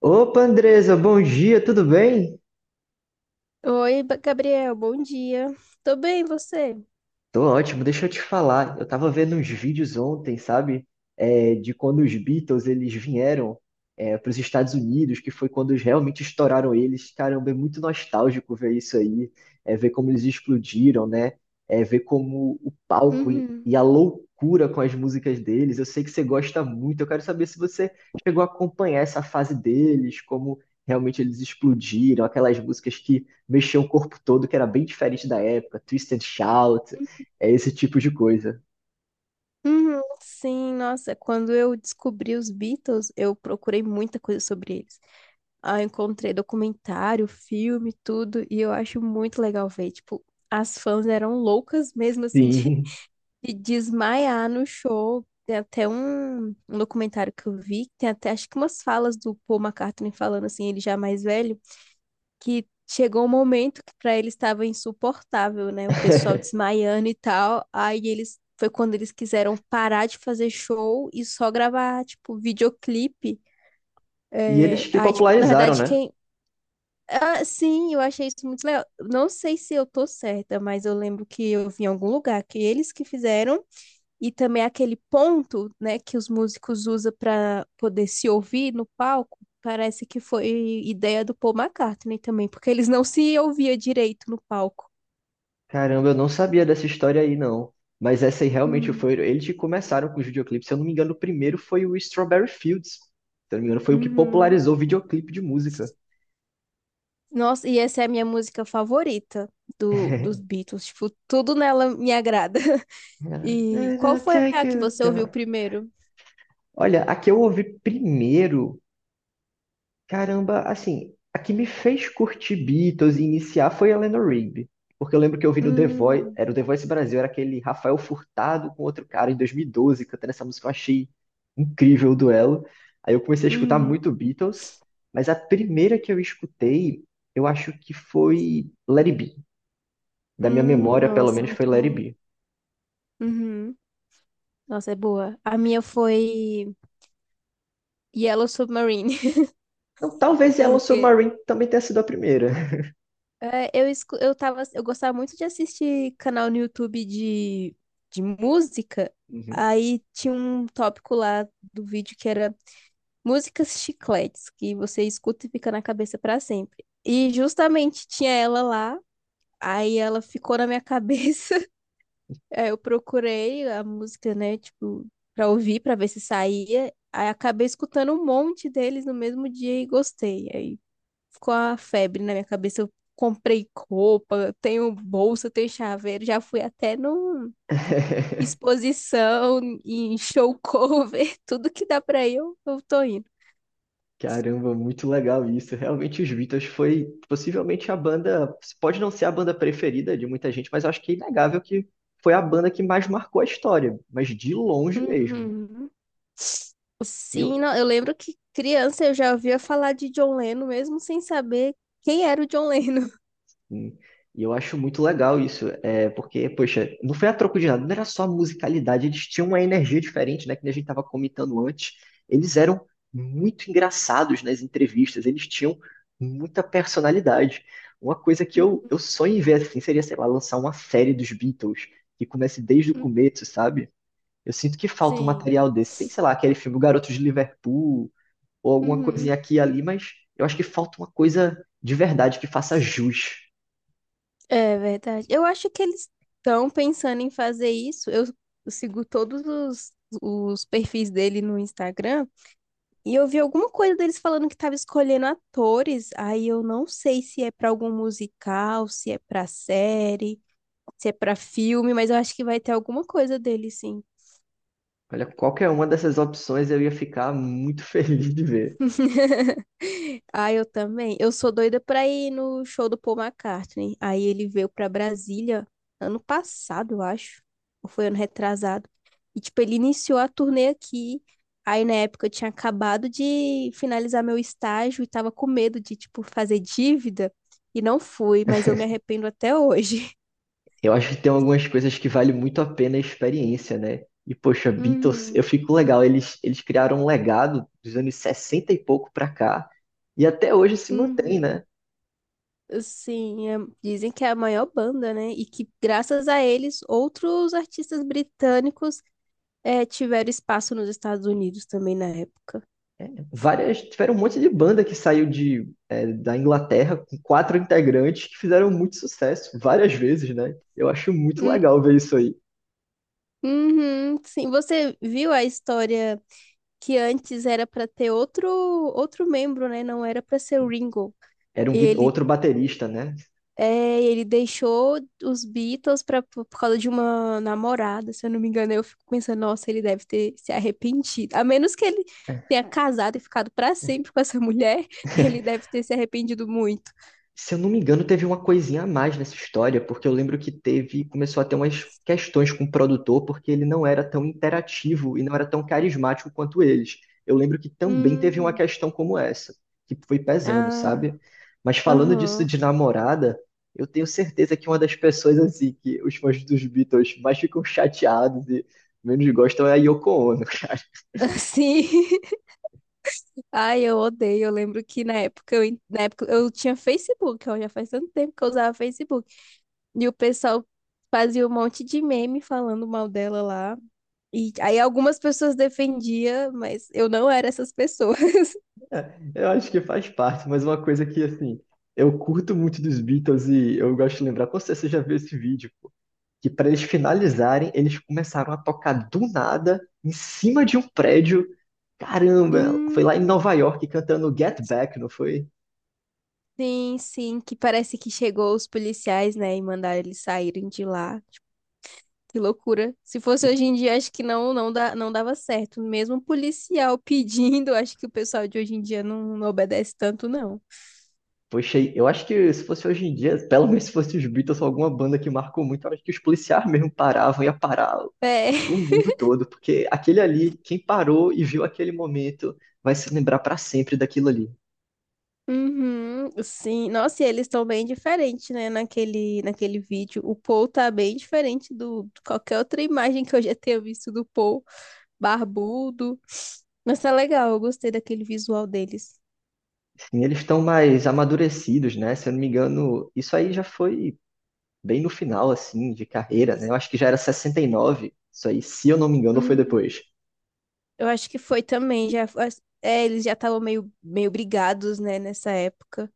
Opa, Andresa, bom dia, tudo bem? Oi, Gabriel, bom dia. Tô bem, você? Tô ótimo, deixa eu te falar. Eu tava vendo uns vídeos ontem, sabe? De quando os Beatles eles vieram para os Estados Unidos, que foi quando eles realmente estouraram eles. Caramba, é muito nostálgico ver isso aí, ver como eles explodiram, né? É, ver como o palco e, Uhum. e a loucura com as músicas deles. Eu sei que você gosta muito. Eu quero saber se você chegou a acompanhar essa fase deles, como realmente eles explodiram, aquelas músicas que mexiam o corpo todo, que era bem diferente da época, Twist and Shout. É esse tipo de coisa. Uhum, sim, nossa, quando eu descobri os Beatles, eu procurei muita coisa sobre eles. Ah, encontrei documentário, filme, tudo, e eu acho muito legal ver. Tipo, as fãs eram loucas mesmo, assim, Sim. de desmaiar no show. Tem até um documentário que eu vi, que tem até, acho que umas falas do Paul McCartney falando, assim, ele já mais velho, que chegou um momento que para eles estava insuportável, né? O pessoal desmaiando e tal. Aí eles foi quando eles quiseram parar de fazer show e só gravar, tipo, videoclipe. E eles É, que aí, tipo, na popularizaram, verdade, né? quem. Ah, sim, eu achei isso muito legal. Não sei se eu tô certa, mas eu lembro que eu vi em algum lugar que eles que fizeram e também aquele ponto, né, que os músicos usam para poder se ouvir no palco, parece que foi ideia do Paul McCartney também, porque eles não se ouviam direito no palco. Caramba, eu não sabia dessa história aí, não. Mas essa aí realmente Hum. foi. Eles que começaram com os videoclipes. Se eu não me engano, o primeiro foi o Strawberry Fields. Se eu não me engano, foi o que Uhum. popularizou o videoclipe de música. Nossa, e essa é a minha música favorita dos Beatles. Tipo, tudo nela me agrada. E qual foi Take a que it você ouviu down. primeiro? Olha, a que eu ouvi primeiro caramba, assim, a que me fez curtir Beatles e iniciar foi a Eleanor Rigby. Porque eu lembro que eu vi no The Voice, Hum, era o The Voice Brasil, era aquele Rafael Furtado com outro cara em 2012 cantando essa música, eu achei incrível o duelo. Aí eu comecei a escutar uhum, muito Beatles, mas a primeira que eu escutei, eu acho que foi Let It Be. Da minha memória, pelo nossa, menos, foi muito Let It boa. Be. Uhum. Nossa, é boa. A minha foi Yellow Submarine, Não, talvez Yellow porque Submarine também tenha sido a primeira. eu tava, eu gostava muito de assistir canal no YouTube de música. Uhum. Aí tinha um tópico lá do vídeo que era músicas chicletes, que você escuta e fica na cabeça pra sempre. E justamente tinha ela lá, aí ela ficou na minha cabeça. Aí eu procurei a música, né, tipo, pra ouvir, pra ver se saía. Aí acabei escutando um monte deles no mesmo dia e gostei. Aí ficou a febre na minha cabeça. Eu comprei roupa, tenho bolsa, tenho chaveiro, já fui até numa exposição, em show cover, tudo que dá pra ir, eu tô indo. Caramba, muito legal isso. Realmente os Beatles foi possivelmente a banda, pode não ser a banda preferida de muita gente, mas eu acho que é inegável que foi a banda que mais marcou a história, mas de longe mesmo. Uhum. E Sim, eu não, eu lembro que criança eu já ouvia falar de John Lennon, mesmo sem saber quem era o John Lennon. sim. E eu acho muito legal isso, porque, poxa, não foi a troco de nada, não era só a musicalidade, eles tinham uma energia diferente, né, que a gente estava comentando antes. Eles eram muito engraçados nas entrevistas, eles tinham muita personalidade. Uma coisa que eu, eu sonho em ver, assim, seria, sei lá, lançar uma série dos Beatles, que comece desde o Uhum. começo, sabe? Eu sinto que falta um Sim. material desse. Tem, sei lá, aquele filme O Garoto de Liverpool, ou alguma coisinha Uhum. aqui e ali, mas eu acho que falta uma coisa de verdade que faça jus. É verdade. Eu acho que eles estão pensando em fazer isso. Eu sigo todos os perfis dele no Instagram e eu vi alguma coisa deles falando que estava escolhendo atores. Aí eu não sei se é para algum musical, se é para série, se é para filme, mas eu acho que vai ter alguma coisa dele, sim. Olha, qualquer uma dessas opções eu ia ficar muito feliz de ver. Ah, eu também. Eu sou doida pra ir no show do Paul McCartney. Aí ele veio pra Brasília ano passado, eu acho. Ou foi ano retrasado. E, tipo, ele iniciou a turnê aqui. Aí, na época, eu tinha acabado de finalizar meu estágio e tava com medo de, tipo, fazer dívida. E não fui, mas eu me arrependo até hoje. Eu acho que tem algumas coisas que vale muito a pena a experiência, né? E, poxa, Beatles, eu Uhum, fico legal. Eles criaram um legado dos anos 60 e pouco pra cá. E até hoje se mantém, uhum. né? Sim, é- dizem que é a maior banda, né? E que graças a eles, outros artistas britânicos é, tiveram espaço nos Estados Unidos também na época. Várias, tiveram um monte de banda que saiu de, da Inglaterra com quatro integrantes que fizeram muito sucesso várias vezes, né? Eu acho muito Hum. legal ver isso aí. Uhum, sim, você viu a história que antes era para ter outro membro, né? Não era para ser o Ringo. Era um, gui- Ele outro baterista, né? ele deixou os Beatles para por causa de uma namorada, se eu não me engano. Eu fico pensando, nossa, ele deve ter se arrependido. A menos que ele tenha casado e ficado para sempre com essa mulher, ele deve ter se arrependido muito. Se eu não me engano, teve uma coisinha a mais nessa história, porque eu lembro que teve, começou a ter umas questões com o produtor, porque ele não era tão interativo e não era tão carismático quanto eles. Eu lembro que também teve uma Hum, questão como essa, que foi pesando, ah. sabe? Mas falando disso Aham. de namorada, eu tenho certeza que uma das pessoas assim que os fãs dos Beatles mais ficam chateados e menos gostam é a Yoko Ono. Sim. Ai, eu odeio. Eu lembro que na época na época eu tinha Facebook, ó, já faz tanto tempo que eu usava Facebook. E o pessoal fazia um monte de meme falando mal dela lá. E aí algumas pessoas defendiam, mas eu não era essas pessoas. É, eu acho que faz parte, mas uma coisa que, assim, eu curto muito dos Beatles e eu gosto de lembrar, com certeza você já viu esse vídeo, pô, que para eles finalizarem, eles começaram a tocar do nada, em cima de um prédio. Caramba, Hum, foi lá em Nova York cantando Get Back, não foi? sim, sim, que parece que chegou os policiais, né, e mandaram eles saírem de lá. Tipo, que loucura. Se fosse E, hoje em dia, acho que não dá, não dava certo. Mesmo um policial pedindo, acho que o pessoal de hoje em dia não obedece tanto, não. poxa, eu acho que se fosse hoje em dia, pelo menos se fosse os Beatles ou alguma banda que marcou muito, eu acho que os policiais mesmo paravam, ia parar É. o mundo todo, porque aquele ali, quem parou e viu aquele momento, vai se lembrar para sempre daquilo ali. Uhum, sim. Nossa, e eles estão bem diferentes, né? Naquele vídeo. O Paul tá bem diferente do, de qualquer outra imagem que eu já tenha visto do Paul. Barbudo. Mas tá legal, eu gostei daquele visual deles. E eles estão mais amadurecidos, né? Se eu não me engano, isso aí já foi bem no final, assim, de carreira, né? Eu acho que já era 69, isso aí, se eu não me engano, ou foi Hum, depois. eu acho que foi também. Já, é, eles já estavam meio brigados, né, nessa época.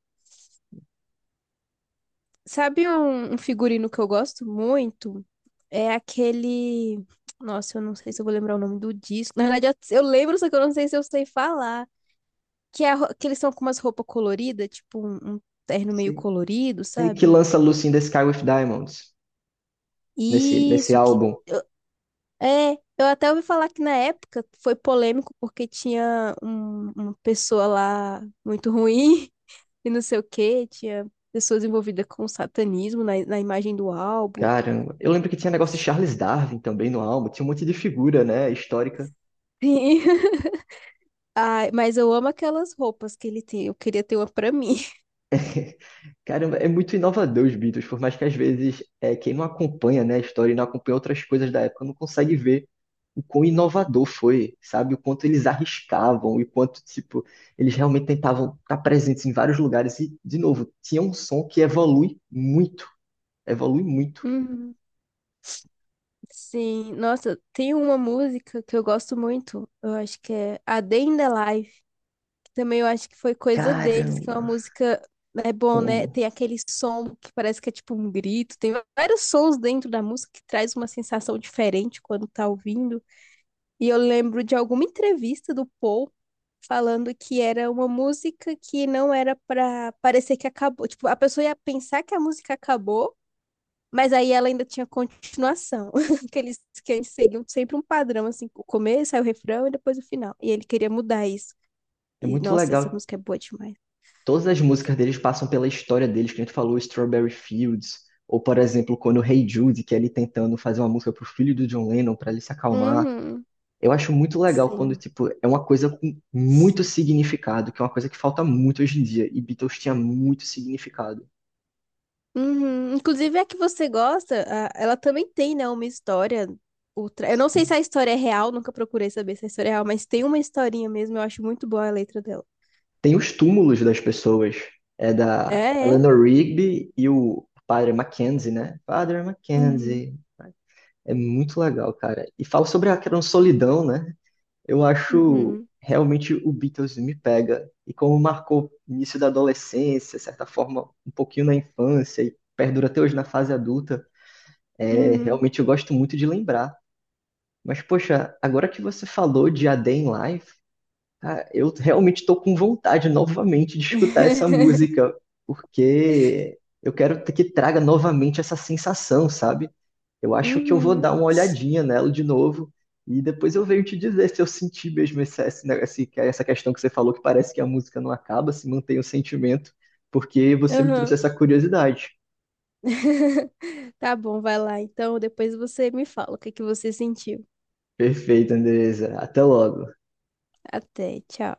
Sabe um figurino que eu gosto muito? É aquele. Nossa, eu não sei se eu vou lembrar o nome do disco. Na verdade, eu lembro, só que eu não sei se eu sei falar. Que, é a ro- que eles estão com umas roupas coloridas, tipo um terno meio Sei, colorido, sei que sabe? lança Lucy in the Sky with Diamonds nesse Isso, que. álbum. Eu- É, eu até ouvi falar que na época foi polêmico porque tinha um- uma pessoa lá muito ruim e não sei o quê, tinha pessoas envolvidas com satanismo na imagem do álbum. Caramba, eu lembro que tinha negócio de Charles Darwin também no álbum, tinha um monte de figura, né, histórica. Sim. Ai, mas eu amo aquelas roupas que ele tem, eu queria ter uma pra mim. Caramba, é muito inovador os Beatles, por mais que às vezes quem não acompanha, né, a história e não acompanha outras coisas da época não consegue ver o quão inovador foi, sabe? O quanto eles arriscavam e quanto, tipo, eles realmente tentavam estar presentes em vários lugares e, de novo, tinha um som que evolui muito, evolui muito. Uhum. Sim, nossa, tem uma música que eu gosto muito, eu acho que é A Day in the Life. Também eu acho que foi coisa deles, que é Caramba, uma música. É bom, né? amo. Tem aquele som que parece que é tipo um grito. Tem vários sons dentro da música que traz uma sensação diferente quando tá ouvindo. E eu lembro de alguma entrevista do Paul falando que era uma música que não era pra parecer que acabou. Tipo, a pessoa ia pensar que a música acabou, mas aí ela ainda tinha continuação. Que eles que antes seguiam sempre um padrão, assim, o começo, aí o refrão e depois o final. E ele queria mudar isso. É E, muito nossa, essa legal. música é boa demais. Todas as músicas deles passam pela história deles, que a gente falou, Strawberry Fields, ou, por exemplo, quando o Hey Jude, que é ele tentando fazer uma música pro filho do John Lennon para ele se acalmar. Uhum, Eu acho muito legal quando, sim. tipo, é uma coisa com muito significado, que é uma coisa que falta muito hoje em dia. E Beatles tinha muito significado. Uhum. Inclusive, a que você gosta, a- ela também tem, né, uma história. Ultra... Eu não sei se a história é real, nunca procurei saber se a história é real, mas tem uma historinha mesmo, eu acho muito boa a letra dela. Tem os túmulos das pessoas. É É, da é. Eleanor Rigby e o Padre Mackenzie, né? Padre Uhum, Mackenzie. É muito legal, cara. E fala sobre aquela solidão, né? Eu acho uhum, realmente o Beatles me pega. E como marcou o início da adolescência, certa forma, um pouquinho na infância e perdura até hoje na fase adulta, é, uhum. realmente eu gosto muito de lembrar. Mas, poxa, agora que você falou de A Day in Life, ah, eu realmente estou com vontade novamente de escutar essa música, porque eu quero que traga novamente essa sensação, sabe? Eu acho que eu vou Uhum, dar uma olhadinha nela de novo e depois eu venho te dizer se eu senti mesmo essa questão que você falou, que parece que a música não acaba, se mantém o sentimento, porque você me trouxe uhum. essa curiosidade. Tá bom, vai lá. Então, depois você me fala o que que você sentiu. Perfeito, Andresa. Até logo. Até, tchau.